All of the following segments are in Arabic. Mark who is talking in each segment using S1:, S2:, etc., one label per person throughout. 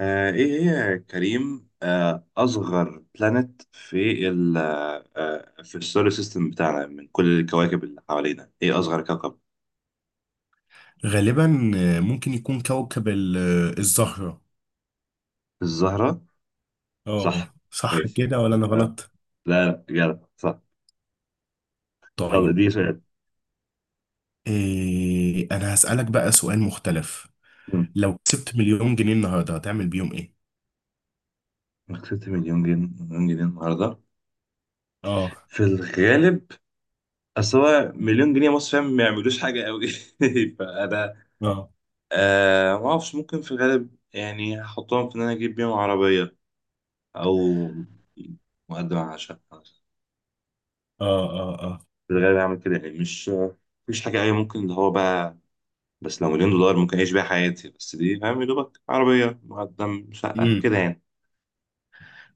S1: إيه هي يا كريم، أصغر بلانت في ال آه، في السولار سيستم بتاعنا؟ من كل الكواكب اللي حوالينا إيه أصغر كوكب؟
S2: غالبا، ممكن يكون كوكب الزهرة.
S1: الزهرة
S2: اه،
S1: صح.
S2: صح
S1: ماشي.
S2: كده ولا أنا
S1: آه.
S2: غلط؟
S1: لا لا، جدع صح. يلا
S2: طيب،
S1: دي سؤال.
S2: إيه، أنا هسألك بقى سؤال مختلف.
S1: مم.
S2: لو كسبت مليون جنيه النهاردة هتعمل بيهم إيه؟
S1: كسبت مليون جنيه، النهاردة؟
S2: اه،
S1: في الغالب أصل هو مليون جنيه مصر، فاهم؟ ما يعملوش حاجة قوي. فأنا
S2: اه،
S1: آه ما أعرفش. ممكن في الغالب يعني هحطهم في إن أنا أجيب بيهم عربية او مقدم على شقه.
S2: اه، اه، اه،
S1: في الغالب هعمل كده، يعني مش مفيش حاجه اي، ممكن اللي هو بقى. بس لو مليون دولار ممكن اعيش بيها حياتي، بس دي فاهم يا دوبك عربيه مقدم شقه
S2: امم
S1: كده يعني.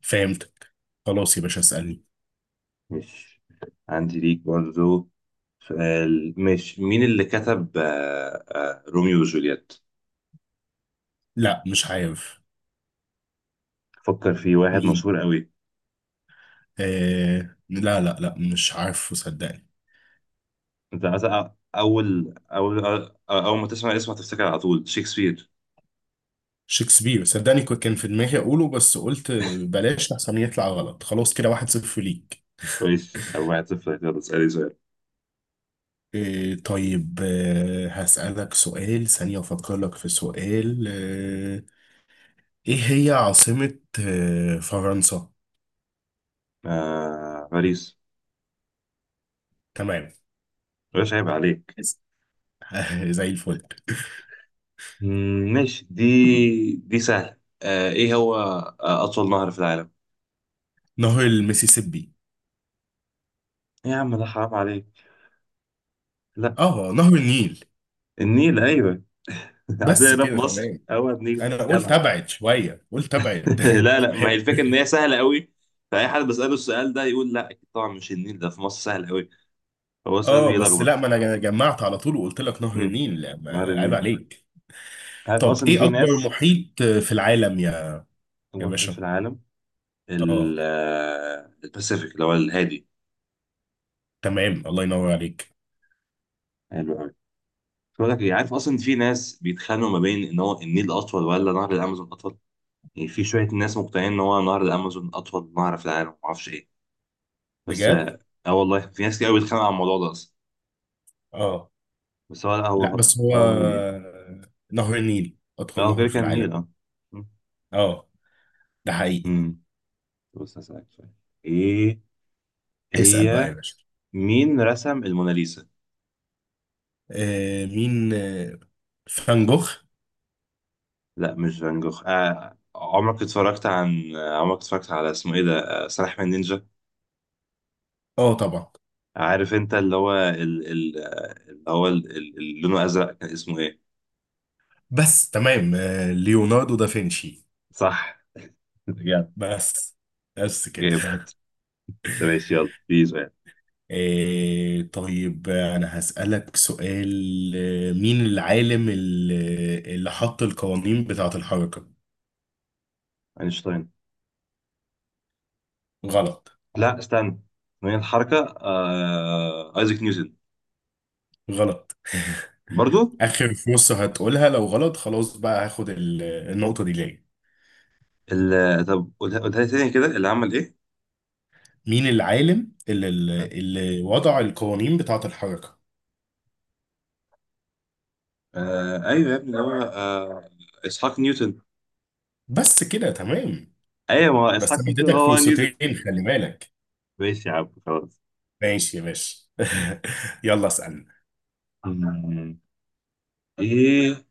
S2: فهمتك. خلاص يا باشا، اسألني.
S1: مش عندي ليك برضو سؤال؟ مش مين اللي كتب روميو وجولييت؟
S2: لا، مش عارف.
S1: فكر في واحد
S2: مين؟
S1: مشهور قوي.
S2: لا لا لا، مش عارفه صدقني.
S1: انت مثلا أول ما تسمع اسمه هتفتكر على طول شكسبير.
S2: شكسبير، صدقني كان في دماغي أقوله، بس قلت بلاش أحسن يطلع غلط. خلاص كده، 1-0 ليك.
S1: كويس، او واحد صفر. يلا اسالي سؤال.
S2: إيه، طيب، هسألك سؤال ثانية. أفكر لك في سؤال. إيه هي عاصمة فرنسا؟
S1: آه باريس.
S2: تمام.
S1: مش عيب عليك؟
S2: بس. زي الفل.
S1: ماشي دي سهل. ايه هو اطول نهر في العالم؟
S2: نهر المسيسيبي.
S1: إيه يا عم، ده حرام عليك! لا.
S2: اه، نهر النيل.
S1: النيل، ايوه.
S2: بس
S1: عندنا هنا في
S2: كده،
S1: مصر
S2: تمام.
S1: هو النيل،
S2: انا قلت
S1: جدع.
S2: ابعد شويه، قلت ابعد.
S1: لا لا، ما هي الفكره ان هي سهله قوي. فاي حد بساله السؤال ده يقول لا، اكيد طبعا مش النيل، ده في مصر سهل قوي. هو سؤال
S2: اه، بس لا،
S1: بيلخبط.
S2: ما انا جمعت على طول وقلت لك نهر
S1: امم،
S2: النيل. لا،
S1: نهر
S2: ما... عيب
S1: النيل.
S2: عليك.
S1: عارف
S2: طب،
S1: اصلا ان
S2: ايه
S1: في
S2: اكبر
S1: ناس،
S2: محيط في العالم، يا يا
S1: هو الوحيد في
S2: باشا؟
S1: العالم.
S2: اه،
S1: الباسيفيك، اللي هو الهادي.
S2: تمام، الله ينور عليك.
S1: حلو قوي. بقول لك إيه، عارف اصلا ان في ناس بيتخانقوا ما بين ان هو النيل اطول ولا نهر الامازون اطول؟ يعني في شوية ناس مقتنعين إن هو نهر الأمازون أطول نهر في العالم، معرفش إيه. بس
S2: بجد؟
S1: آه، آه والله في ناس كتير أوي بتتخانق على الموضوع ده أصلا.
S2: اه،
S1: بس هو لا،
S2: لا،
S1: هو
S2: بس هو
S1: هو النيل يعني.
S2: نهر النيل أطول
S1: هو
S2: نهر
S1: كده
S2: في
S1: كان
S2: العالم.
S1: النيل، أه.
S2: اه، ده حقيقي.
S1: أمم. بص هسألك سؤال. إيه
S2: اسأل بقى يا
S1: هي،
S2: باشا.
S1: مين رسم الموناليزا؟
S2: مين؟ فان جوخ.
S1: لا مش فان جوخ. عمرك اتفرجت عن، عمرك اتفرجت على اسمه إيه ده، آه سلاحف النينجا؟
S2: اه، طبعا.
S1: عارف أنت اللي هو ال... ال... آه، اللي هو اللي لونه أزرق، كان اسمه إيه؟
S2: بس تمام. ليوناردو دافنشي.
S1: صح. جامد.
S2: بس، بس كده.
S1: جامد. طب ماشي، يلا بيزو يعني.
S2: طيب، أنا هسألك سؤال. مين العالم اللي حط القوانين بتاعة الحركة؟
S1: أينشتاين.
S2: غلط.
S1: لا استنى، من الحركه ايزاك نيوتن.
S2: غلط.
S1: برضو؟
S2: آخر فرصة هتقولها، لو غلط خلاص بقى هاخد النقطة دي ليا.
S1: طب قولها، لي تاني كده، اللي عمل ايه.
S2: مين العالم اللي وضع القوانين بتاعة الحركة؟
S1: ايوه يا ابني، اللي هو اسحاق نيوتن.
S2: بس كده، تمام.
S1: ايوه، ما هو
S2: بس
S1: اسحاق
S2: انا
S1: نيوتن
S2: اديتك
S1: هو
S2: فرصتين،
S1: نيوتن.
S2: خلي بالك.
S1: ماشي يا عم، خلاص.
S2: ماشي يا باشا. يلا اسألنا.
S1: مم. ايه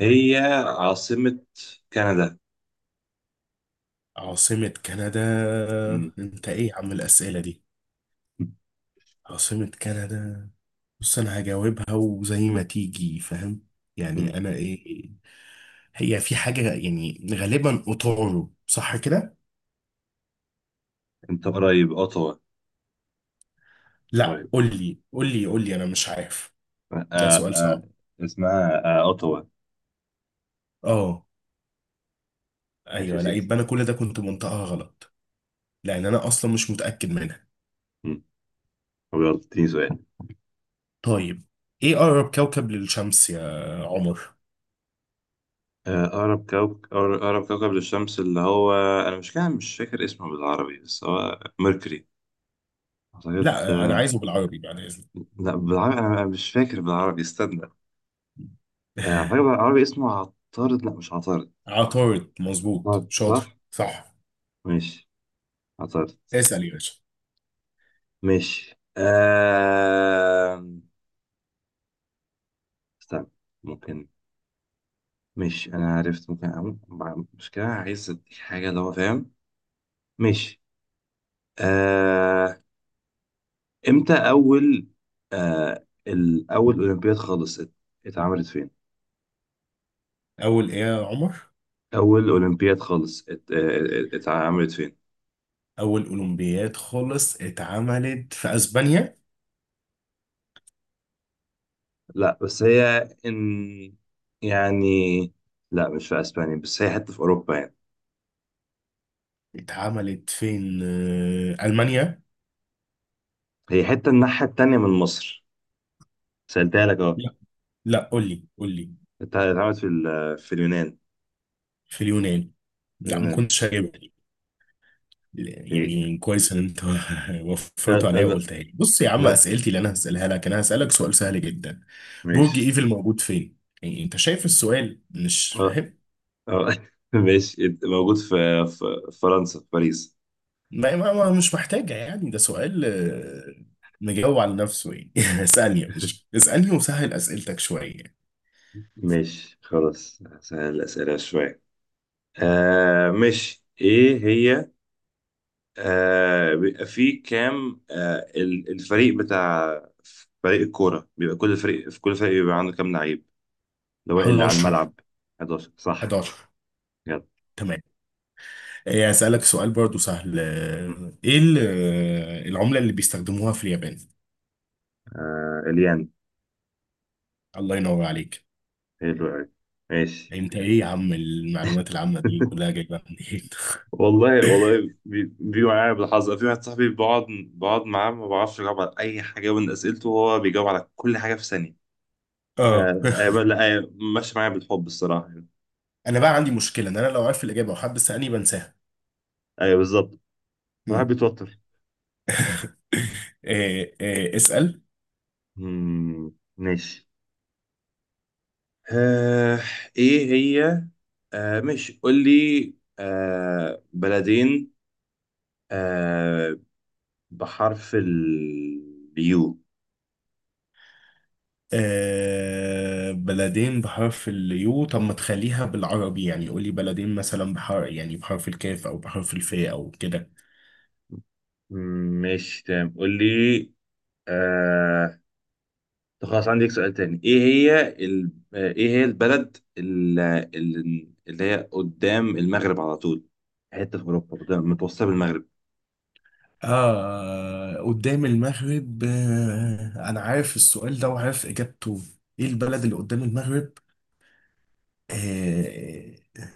S1: هي عاصمة كندا؟
S2: عاصمة كندا؟
S1: مم.
S2: انت ايه يا عم الأسئلة دي؟ عاصمة كندا. بص، انا هجاوبها وزي ما تيجي، فاهم؟ يعني
S1: مم.
S2: انا ايه. هي في حاجة يعني، غالبا اوتورو، صح كده؟
S1: انت قريب، اوتوا.
S2: لا،
S1: قريب.
S2: قول لي قول لي قول لي، انا مش عارف.
S1: آه...
S2: ده سؤال
S1: آه...
S2: صعب.
S1: اسمها اوتوا.
S2: اه،
S1: ماشي يا
S2: ايوه. لا
S1: سيدي.
S2: يبقى انا كل ده كنت منطقها غلط. لان انا اصلا مش متاكد منها.
S1: مم. طب يلا اديني سؤال.
S2: طيب، ايه اقرب كوكب للشمس يا عمر؟
S1: أقرب كوكب، للشمس اللي هو، أنا مش كده مش فاكر اسمه بالعربي، بس هو ميركوري أعتقد.
S2: لا، انا عايزه بالعربي بعد اذنك.
S1: لا بالعربي، أنا مش فاكر بالعربي، استنى. أعتقد بالعربي اسمه عطارد. لا مش عطارد.
S2: عطارد، مظبوط،
S1: عطارد، صح؟
S2: شاطر، صح.
S1: ماشي، عطارد.
S2: اسال يا باشا.
S1: ماشي استنى. ممكن، ماشي، أنا عرفت. ممكن أقوم مشكلة، عايز أديك حاجة اللي هو فاهم. ماشي آه... امتى اول، اول اولمبياد خالص اتعملت فين؟
S2: اول ايه يا عمر؟
S1: اول اولمبياد خالص اتعملت فين؟
S2: اول اولمبياد خالص اتعملت في اسبانيا.
S1: لا بس هي، ان، يعني، لا مش في اسبانيا، بس هي حته في اوروبا يعني.
S2: اتعملت فين؟ المانيا؟
S1: هي حته الناحيه التانيه من مصر. سألتها لك اهو.
S2: لا، لا، قول لي قول لي.
S1: اتعملت في في اليونان.
S2: في اليونان؟
S1: في
S2: لا، ما
S1: اليونان.
S2: كنتش هجيبها.
S1: إيه.
S2: يعني كويس ان انت
S1: لا
S2: وفرته عليا
S1: لا
S2: وقلتها لي. بص يا عم،
S1: لا.
S2: اسئلتي اللي انا هسالها لك، انا هسالك سؤال سهل جدا. برج
S1: ماشي.
S2: ايفل موجود فين؟ يعني انت شايف السؤال، مش
S1: اه.
S2: فاهم؟
S1: اه. ماشي، موجود في، في فرنسا في باريس.
S2: مش محتاجه يعني، ده سؤال مجاوب على نفسه يعني. اسالني يا باشا، اسالني وسهل اسئلتك شويه.
S1: ماشي خلاص، سهل الأسئلة شوية. آه مش ايه هي، بيبقى فيه كام، الفريق بتاع، فريق الكورة بيبقى، كل فريق بيبقى عنده كام لعيب اللي هو اللي على
S2: 11،
S1: الملعب؟ 11، صح.
S2: 11،
S1: يلا.
S2: تمام. إيه، هسالك سؤال برضو سهل.
S1: م.
S2: ايه العمله اللي بيستخدموها في اليابان؟
S1: آه، اليان.
S2: الله ينور عليك.
S1: حلو قوي. ماشي.
S2: يعني انت ايه يا عم المعلومات العامة دي كلها جايبها منين؟
S1: والله والله بيبقى معايا بالحظ، في واحد صاحبي بقعد، بقعد معاه ما بعرفش اجاوب على اي حاجة من اسئلته، وهو بيجاوب على كل حاجة في ثانية.
S2: اه،
S1: لا ماشي معايا بالحب الصراحة.
S2: انا بقى عندي مشكلة، ان انا لو عارف الاجابة وحد سألني بنساها.
S1: ايوه بالظبط، الواحد
S2: مم.
S1: بيتوتر.
S2: إيه، إيه، اسأل.
S1: ماشي آه ايه هي، آه مش قول لي، بلدين آه بحرف اليو.
S2: بلدين بحرف اليو؟ طب ما تخليها بالعربي يعني، قول لي بلدين مثلا بحرف، يعني بحرف الكاف او بحرف الفاء او كده.
S1: مش تمام، قول لي. آه طب خلاص عندي لك سؤال تاني. ايه هي ال... آه ايه هي البلد اللي هي قدام المغرب على طول، حتة في اوروبا قدام متوسطة بالمغرب.
S2: اه، قدام المغرب. انا عارف السؤال ده وعارف اجابته. ايه البلد اللي قدام المغرب؟ آه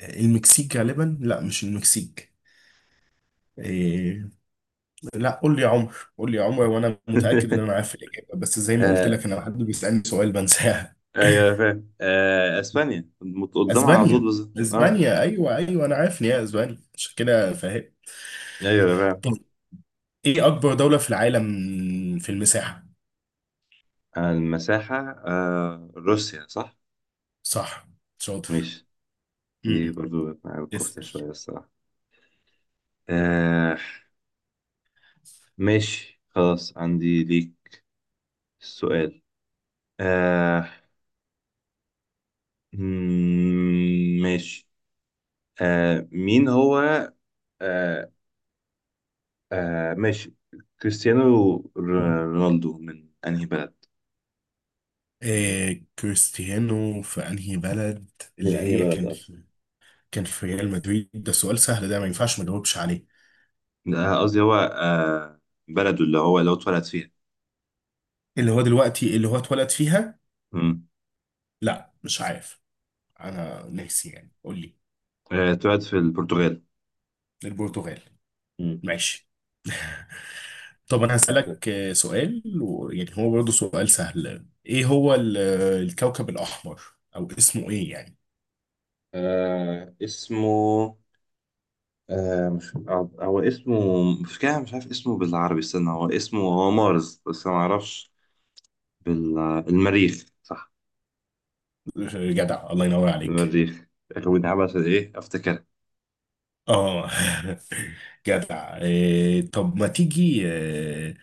S2: المكسيك غالبا. لا، مش المكسيك. إيه؟ لا، قول لي يا عمر، قول لي يا عمر، وانا متاكد ان انا عارف الاجابه، بس زي ما قلت
S1: آه
S2: لك، انا حد بيسالني سؤال بنساها.
S1: ايوه فاهم، اسبانيا قدامها على طول
S2: اسبانيا،
S1: بالظبط، اه.
S2: اسبانيا، ايوه، ايوه، انا عارف ان هي اسبانيا، عشان كده فاهم.
S1: ايوه فاهم.
S2: طب، ايه اكبر دوله في العالم في المساحه؟
S1: المساحة، روسيا، صح؟
S2: صح. شاطر.
S1: ماشي. دي
S2: امم.
S1: برضو مع الكفتة
S2: اسال.
S1: شوية الصراحة. آه ماشي خلاص عندي ليك السؤال. آه ماشي مين هو، آه ماشي، كريستيانو ر- رونالدو من أنهي بلد؟
S2: إيه كريستيانو في انهي بلد؟
S1: من
S2: اللي
S1: أنهي
S2: هي
S1: بلد،
S2: كان
S1: اه،
S2: في... كان في ريال مدريد، ده سؤال سهل، ده ما ينفعش ما نجاوبش عليه.
S1: قصدي هو بلده اللي هو لو اتولد فيها.
S2: اللي هو دلوقتي اللي هو اتولد فيها؟
S1: مم.
S2: لا، مش عارف. انا ناسي يعني، قول لي.
S1: آه اتولد في البرتغال.
S2: البرتغال؟
S1: مم.
S2: ماشي. طب انا
S1: قشطة.
S2: هسألك سؤال، ويعني هو برضه سؤال سهل. ايه هو الكوكب الاحمر، او اسمه ايه يعني؟
S1: آه اسمه آه مش آه، هو اسمه، مش كده مش عارف اسمه بالعربي، استنى، هو اسمه، هو مارس، بس انا ما اعرفش بال المريخ، صح؟
S2: جدع، الله ينور عليك.
S1: المريخ، اخوين عبس ايه افتكر.
S2: اه، جدع. إيه، طب ما تيجي،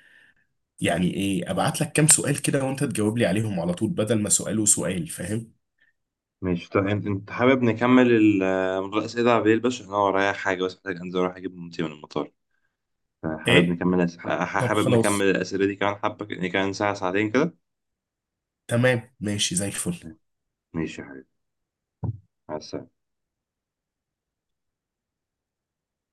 S2: يعني ايه ابعت لك كام سؤال كده وانت تجاوب لي عليهم على طول بدل ما سؤال وسؤال، فاهم؟
S1: ماشي طيب، انت حابب نكمل الاسئله على بالليل؟ بس عشان انا ورايا حاجه، بس محتاج انزل اروح اجيب مامتي من المطار. حابب
S2: ايه،
S1: نكمل
S2: طب
S1: حابب نكمل
S2: خلاص.
S1: الاسئله دي كمان حبه، يعني كمان ساعه ساعتين كده.
S2: تمام، ماشي، زي الفل.
S1: ماشي يا حبيبي، مع السلامه.